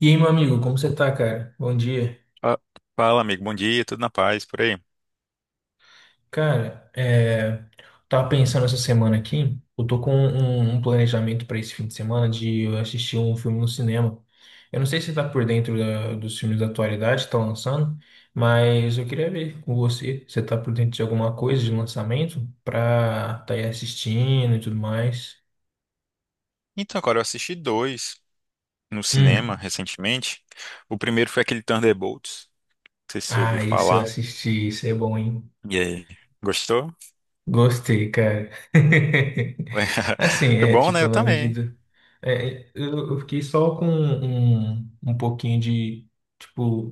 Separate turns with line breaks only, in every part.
E aí, meu amigo, como você tá, cara? Bom dia.
Fa- Fala, amigo, bom dia, tudo na paz, por aí.
Cara, tava pensando essa semana aqui, eu tô com um planejamento pra esse fim de semana de eu assistir um filme no cinema. Eu não sei se você tá por dentro dos filmes da atualidade que tá lançando, mas eu queria ver com você, você tá por dentro de alguma coisa de lançamento pra tá aí assistindo e tudo mais.
Então, agora eu assisti dois no cinema
Hum.
recentemente. O primeiro foi aquele Thunderbolts, não sei se você ouviu
Ah, esse eu
falar.
assisti, esse é bom, hein?
E aí, gostou?
Gostei, cara. Assim,
Foi
é
bom, né?
tipo,
Eu
na
também.
medida. Eu fiquei só com um pouquinho de, tipo,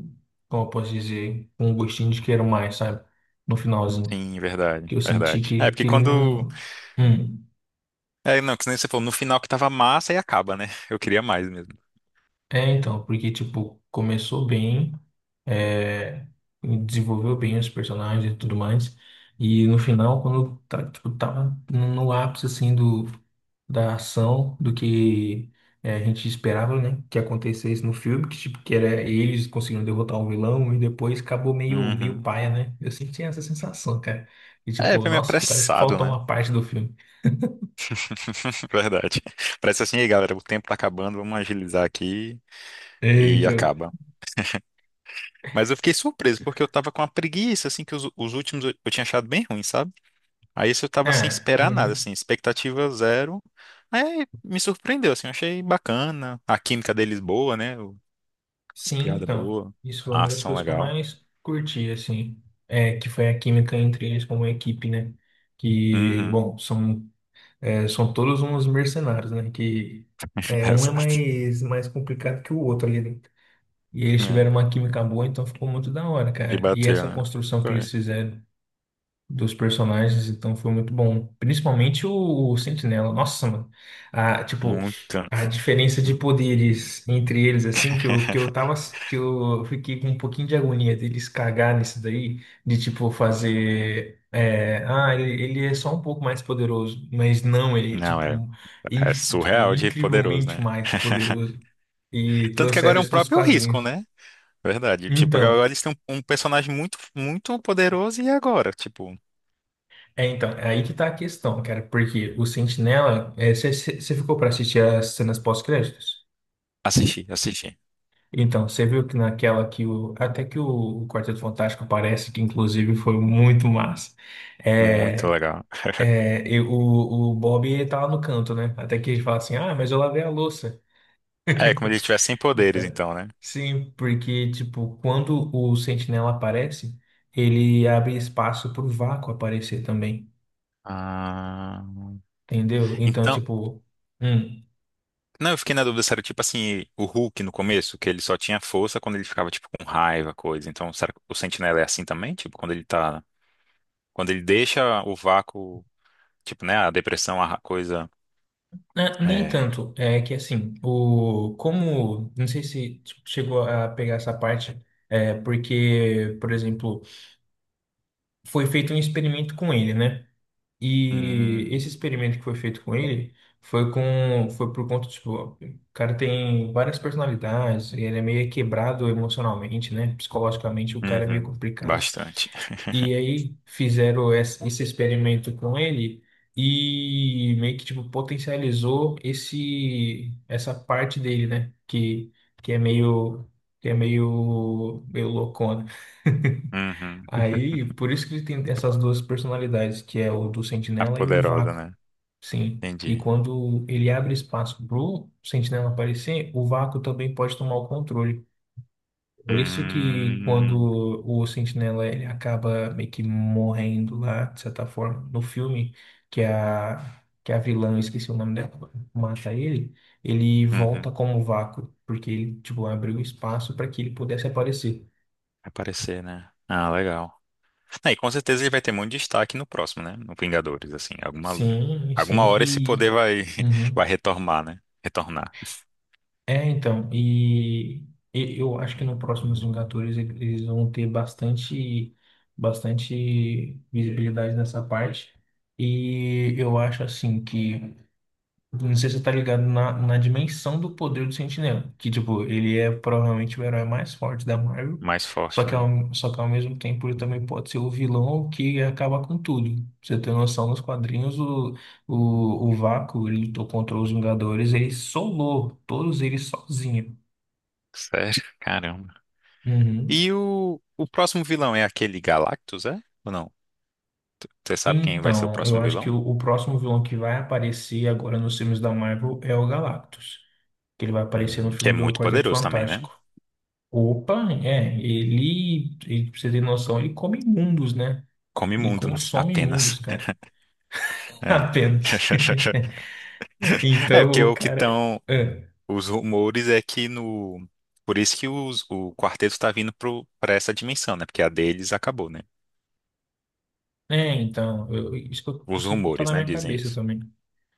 como eu posso dizer, com um gostinho de quero mais, sabe? No finalzinho.
Sim, verdade,
Que eu senti
verdade. É,
que,
porque
que ele
quando.
não. Hum.
É, não, que nem você falou, no final que tava massa e acaba, né? Eu queria mais mesmo.
É, então, porque, tipo, começou bem. é, desenvolveu bem os personagens e tudo mais. E no final, quando tá, tipo, tava no ápice assim do, da ação, do que a gente esperava, né, que acontecesse no filme, que tipo que era eles conseguindo derrotar o vilão e depois acabou meio meio
Uhum.
paia, né? Eu senti essa sensação, cara. E
É,
tipo,
foi meio
nossa, parece que
apressado,
faltou
né?
uma parte do filme.
Verdade. Parece assim, aí, galera, o tempo tá acabando, vamos agilizar aqui e
Eita.
acaba. Mas eu fiquei surpreso, porque eu tava com uma preguiça, assim, que os últimos eu tinha achado bem ruim, sabe? Aí esse eu tava sem
Ah,
esperar nada,
uhum.
assim, expectativa zero. Aí me surpreendeu, assim, eu achei bacana. A química deles boa, né? O- As
Sim,
piadas
então,
boas,
isso foi
a
uma das
ação
coisas que eu
legal.
mais curti, assim, é que foi a química entre eles como equipe, né? Que,
Uhum,
bom, são todos uns mercenários, né? Que um é
exato.
mais complicado que o outro ali dentro. E eles
É,
tiveram uma química boa, então ficou muito da hora,
e
cara. E
bateu,
essa
né?
construção que
Foi.
eles fizeram dos personagens, então foi muito bom. Principalmente o Sentinela. Nossa, mano. Tipo,
Muito.
a diferença de poderes entre eles, assim, que eu fiquei com um pouquinho de agonia deles cagar nisso daí, de tipo fazer. Ele é só um pouco mais poderoso, mas não, ele é
Não, é,
tipo,
é
tipo
surreal de poderoso,
incrivelmente
né?
mais poderoso. E
Tanto que
trouxeram
agora é um
isso dos
próprio risco,
quadrinhos.
né? Verdade. Tipo, agora
Então.
eles têm um personagem muito, muito poderoso e agora? Tipo.
É, então, é aí que tá a questão, cara, porque o Sentinela, você ficou pra assistir as cenas pós-créditos?
Assisti, assisti.
Então, você viu que naquela que o. Até que o Quarteto Fantástico aparece, que inclusive foi muito massa.
Muito
É,
legal.
e o Bob ele tá lá no canto, né? Até que ele fala assim: ah, mas eu lavei a louça.
É, como ele tivesse sem poderes,
Então,
então, né?
sim, porque, tipo, quando o Sentinela aparece, ele abre espaço pro vácuo aparecer também,
Ah.
entendeu? Então,
Então,
tipo. hum,
não, eu fiquei na dúvida se era tipo assim, o Hulk no começo, que ele só tinha força quando ele ficava, tipo, com raiva, coisa. Então, será que o Sentinela é assim também? Tipo, quando ele tá. Quando ele deixa o vácuo, tipo, né? A depressão, a coisa.
É, nem
É.
tanto. É que assim, o como não sei se chegou a pegar essa parte, é porque, por exemplo, foi feito um experimento com ele, né? E
Hum,
esse experimento que foi feito com ele foi por conta tipo, o cara tem várias personalidades, ele é meio quebrado emocionalmente, né? Psicologicamente o cara é meio
uhum,
complicado.
bastante.
E aí fizeram esse experimento com ele e meio que tipo potencializou esse essa parte dele, né? Que é meio que é meio meio loucona.
Uhum.
Aí por isso que ele tem essas duas personalidades, que é o do
A
Sentinela e o do
poderosa,
Vácuo.
né?
Sim. E
Entendi.
quando ele abre espaço pro Sentinela aparecer, o Vácuo também pode tomar o controle. Por isso que
Hum,
quando o Sentinela ele acaba meio que morrendo lá, de certa forma, no filme, que é a vilã, eu esqueci o nome dela, mata ele, ele volta
uhum. Vai
como vácuo, porque ele, tipo, abriu espaço para que ele pudesse aparecer.
aparecer, né? Ah, legal. Aí, com certeza ele vai ter muito destaque no próximo, né? No Vingadores, assim, alguma
Sim,
alguma
sim,
hora esse
e...
poder vai
uhum.
vai retornar, né? Retornar
É, então, e eu acho que no próximo Vingadores eles vão ter bastante visibilidade nessa parte. E eu acho assim que não sei se você tá ligado na dimensão do poder do Sentinela. Que, tipo, ele é provavelmente o herói mais forte da Marvel.
mais
Só
forte,
que,
né?
ao, só que ao mesmo tempo ele também pode ser o vilão que acaba com tudo. Pra você ter noção, nos quadrinhos, o Vácuo, ele lutou contra os Vingadores, ele solou todos eles sozinho.
Sério? Caramba.
Uhum.
E o próximo vilão é aquele Galactus, é? Ou não? Você sabe quem vai ser o
Então, eu
próximo
acho que
vilão?
o próximo vilão que vai aparecer agora nos filmes da Marvel é o Galactus. Que ele vai aparecer no
Que é
filme do
muito
Quarteto
poderoso também, né?
Fantástico. Opa, pra você ter noção, ele come mundos, né?
Come
Ele
mundo, né?
consome
Apenas.
mundos, cara.
É.
Apenas.
É,
Então,
porque
o
o que
cara.
estão.
É,
Os rumores é que no. Por isso que o quarteto tá vindo pro, pra essa dimensão, né? Porque a deles acabou, né?
então, isso, que
Os
isso que tá na
rumores, né?
minha
Dizem
cabeça
isso.
também.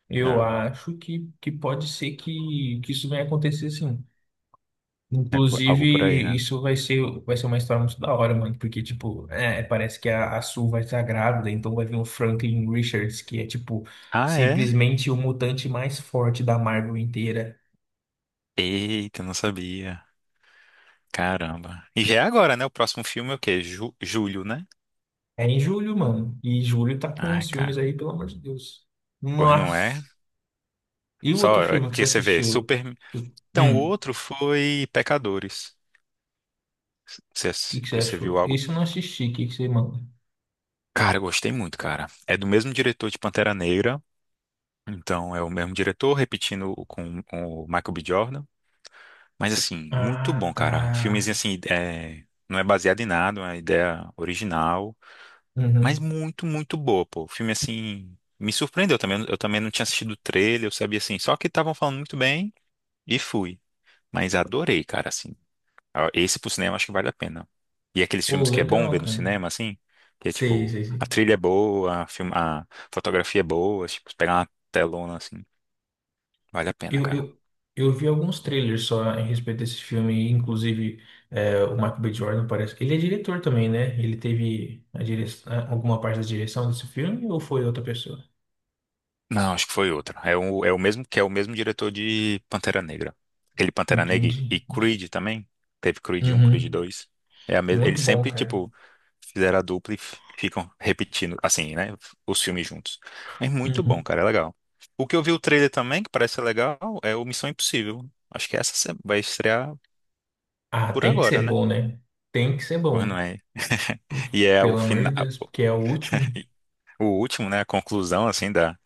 Eu
É,
acho que pode ser que isso venha acontecer sim.
é por-
Inclusive,
algo por aí, né?
isso vai ser uma história muito da hora, mano. Porque, tipo, parece que a Sue vai estar grávida, então vai vir o Franklin Richards, que é, tipo,
Ah, é?
simplesmente o mutante mais forte da Marvel inteira.
Eita, não sabia. Caramba. E já é agora, né? O próximo filme é o quê? Julho, né?
É em julho, mano. E julho tá com
Ai,
os
cara.
filmes aí, pelo amor de Deus.
Pois não é?
Nossa. E o
Só
outro filme que você
que você vê,
assistiu?
super.
Tu-
Então, o
O
outro foi Pecadores. Você,
que que você
você viu
achou?
algo?
Esse eu não assisti, o que que você manda?
Cara, eu gostei muito, cara. É do mesmo diretor de Pantera Negra. Então, é o mesmo diretor, repetindo com o Michael B. Jordan. Mas assim, muito
Ah,
bom,
tá.
cara. Filmezinho assim, é, não é baseado em nada, é uma ideia original, mas
Uhum.
muito, muito boa, pô. O filme assim, me surpreendeu também. Eu também não tinha assistido o trailer, eu sabia assim, só que estavam falando muito bem e fui. Mas adorei, cara, assim. Ah, esse pro cinema acho que vale a pena. E aqueles
Pô,
filmes que é bom
legal,
ver no
cara.
cinema, assim, que é
Sei,
tipo,
sei, sei.
a trilha é boa, a fotografia é boa, tipo, pegar uma telona assim, vale a pena,
Eu,
cara.
eu, eu vi alguns trailers só em respeito desse filme, inclusive o Michael B. Jordan parece. Que ele é diretor também, né? Ele teve alguma parte da direção desse filme ou foi outra pessoa?
Não, acho que foi outra. É o mesmo que é o mesmo diretor de Pantera Negra. Aquele Pantera Negra e,
Entendi.
e
Nossa.
Creed também. Teve Creed um, Creed
Uhum.
2. É a mes...
Muito
Eles
bom,
sempre,
cara.
tipo, fizeram a dupla e ficam repetindo, assim, né? Os filmes juntos. Mas muito bom,
Uhum.
cara. É legal. O que eu vi o trailer também, que parece ser legal, é o Missão Impossível. Acho que essa vai estrear
Ah,
por
tem que
agora,
ser
né?
bom, né? Tem que ser
Pois não
bom.
é?
Por-
E é o
Pelo amor de
final,
Deus, porque é o último.
o último, né? A conclusão, assim, da.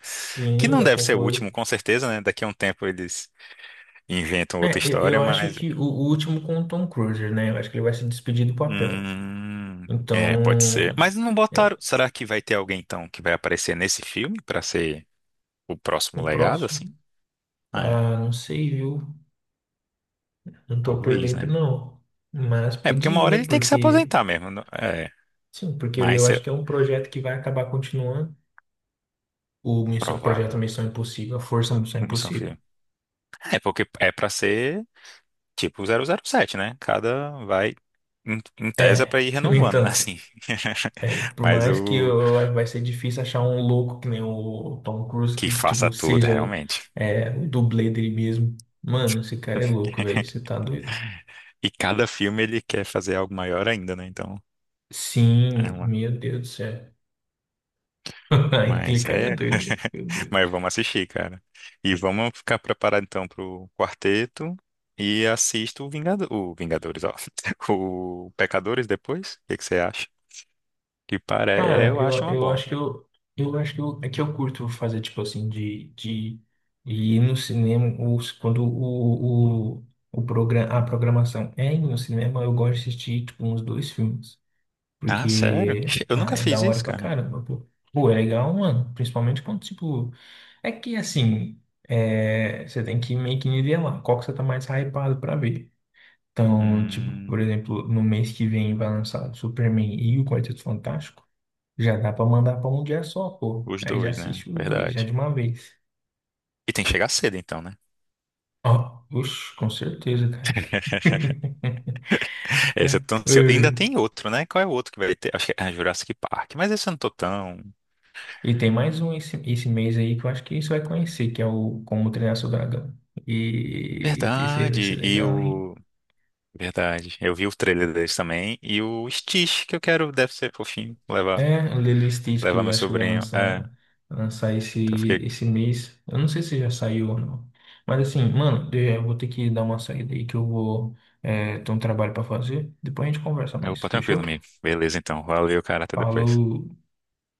Que
Sim,
não
vai
deve ser o último,
concluir.
com certeza, né? Daqui a um tempo eles inventam outra
É, eu,
história,
eu acho
mas.
que o último com o Tom Cruise, né? Eu acho que ele vai se despedir do papel.
É, pode ser.
Então,
Mas não
é,
botaram. Será que vai ter alguém então que vai aparecer nesse filme pra ser o próximo
o
legado,
próximo?
assim? É,
Ah, não sei, viu? Não tô por
talvez,
dentro,
né?
não. Mas
É, porque uma
podia,
hora
né?
ele tem que se
Porque,
aposentar mesmo. Não- É,
sim, porque eu
mas é
acho que é um projeto que vai acabar continuando. Projeto
provável.
Missão Impossível, a Força Missão
Missão
Impossível.
Filme. É, porque é pra ser tipo 007, né? Cada vai. Em tese é pra
É,
ir renovando, né?
então.
Assim.
É, por
Mas
mais que
o
eu, vai ser difícil achar um louco que nem o Tom Cruise,
que
que, tipo,
faça tudo,
seja o,
realmente.
é, o dublê dele mesmo. Mano, esse cara é louco, velho. Você tá doido?
E cada filme ele quer fazer algo maior ainda, né? Então. É
Sim,
uma
meu Deus do céu. Aquele
Mas
cara é
é.
doido, meu Deus.
Mas vamos assistir, cara. E vamos ficar preparado então pro quarteto e assisto o o Vingadores, ó. O Pecadores depois. O que que você acha? Que para é,
Cara,
eu acho
eu,
uma
eu
boa.
acho que eu acho que é que eu curto fazer, tipo assim, de ir no cinema quando o programa, a programação é ir no cinema, eu gosto de assistir, tipo, uns dois filmes.
Ah, sério?
Porque
Eu nunca
é da
fiz
hora
isso,
pra
cara.
caramba, pô. Pô, é legal, mano. Principalmente quando, tipo. É que assim, você tem que meio que nivelar. Qual que você tá mais hypado pra ver? Então, tipo, por
Hum,
exemplo, no mês que vem vai lançar Superman e o Quarteto Fantástico. Já dá pra mandar pra um dia só, pô.
os
Aí já
dois, né?
assiste os dois, já
Verdade.
de uma vez.
E tem que chegar cedo então, né?
Ó, oxe, com certeza, cara.
Esse eu tô ansioso. Ainda
Ai,
tem outro, né? Qual é o outro que vai ter? Acho que é ah, Jurassic Park. Mas esse eu não tô tão.
e tem mais um esse, esse mês aí que eu acho que você vai conhecer, que é o Como Treinar Seu Dragão. E esse aí vai ser
Verdade. E
legal, hein?
o Verdade. Eu vi o trailer deles também. E o Stitch, que eu quero, deve ser fofinho. Levar,
É, o Lilo e Stitch que
levar
eu
meu
acho que vai
sobrinho. É, então
lançar esse,
eu fiquei.
esse mês. Eu não sei se já saiu ou não. Mas assim, mano, eu vou ter que dar uma saída aí que eu vou, ter um trabalho pra fazer. Depois a gente conversa
Eu,
mais,
pô, tranquilo,
fechou?
amigo. Beleza, então. Valeu, cara. Até depois.
Falou!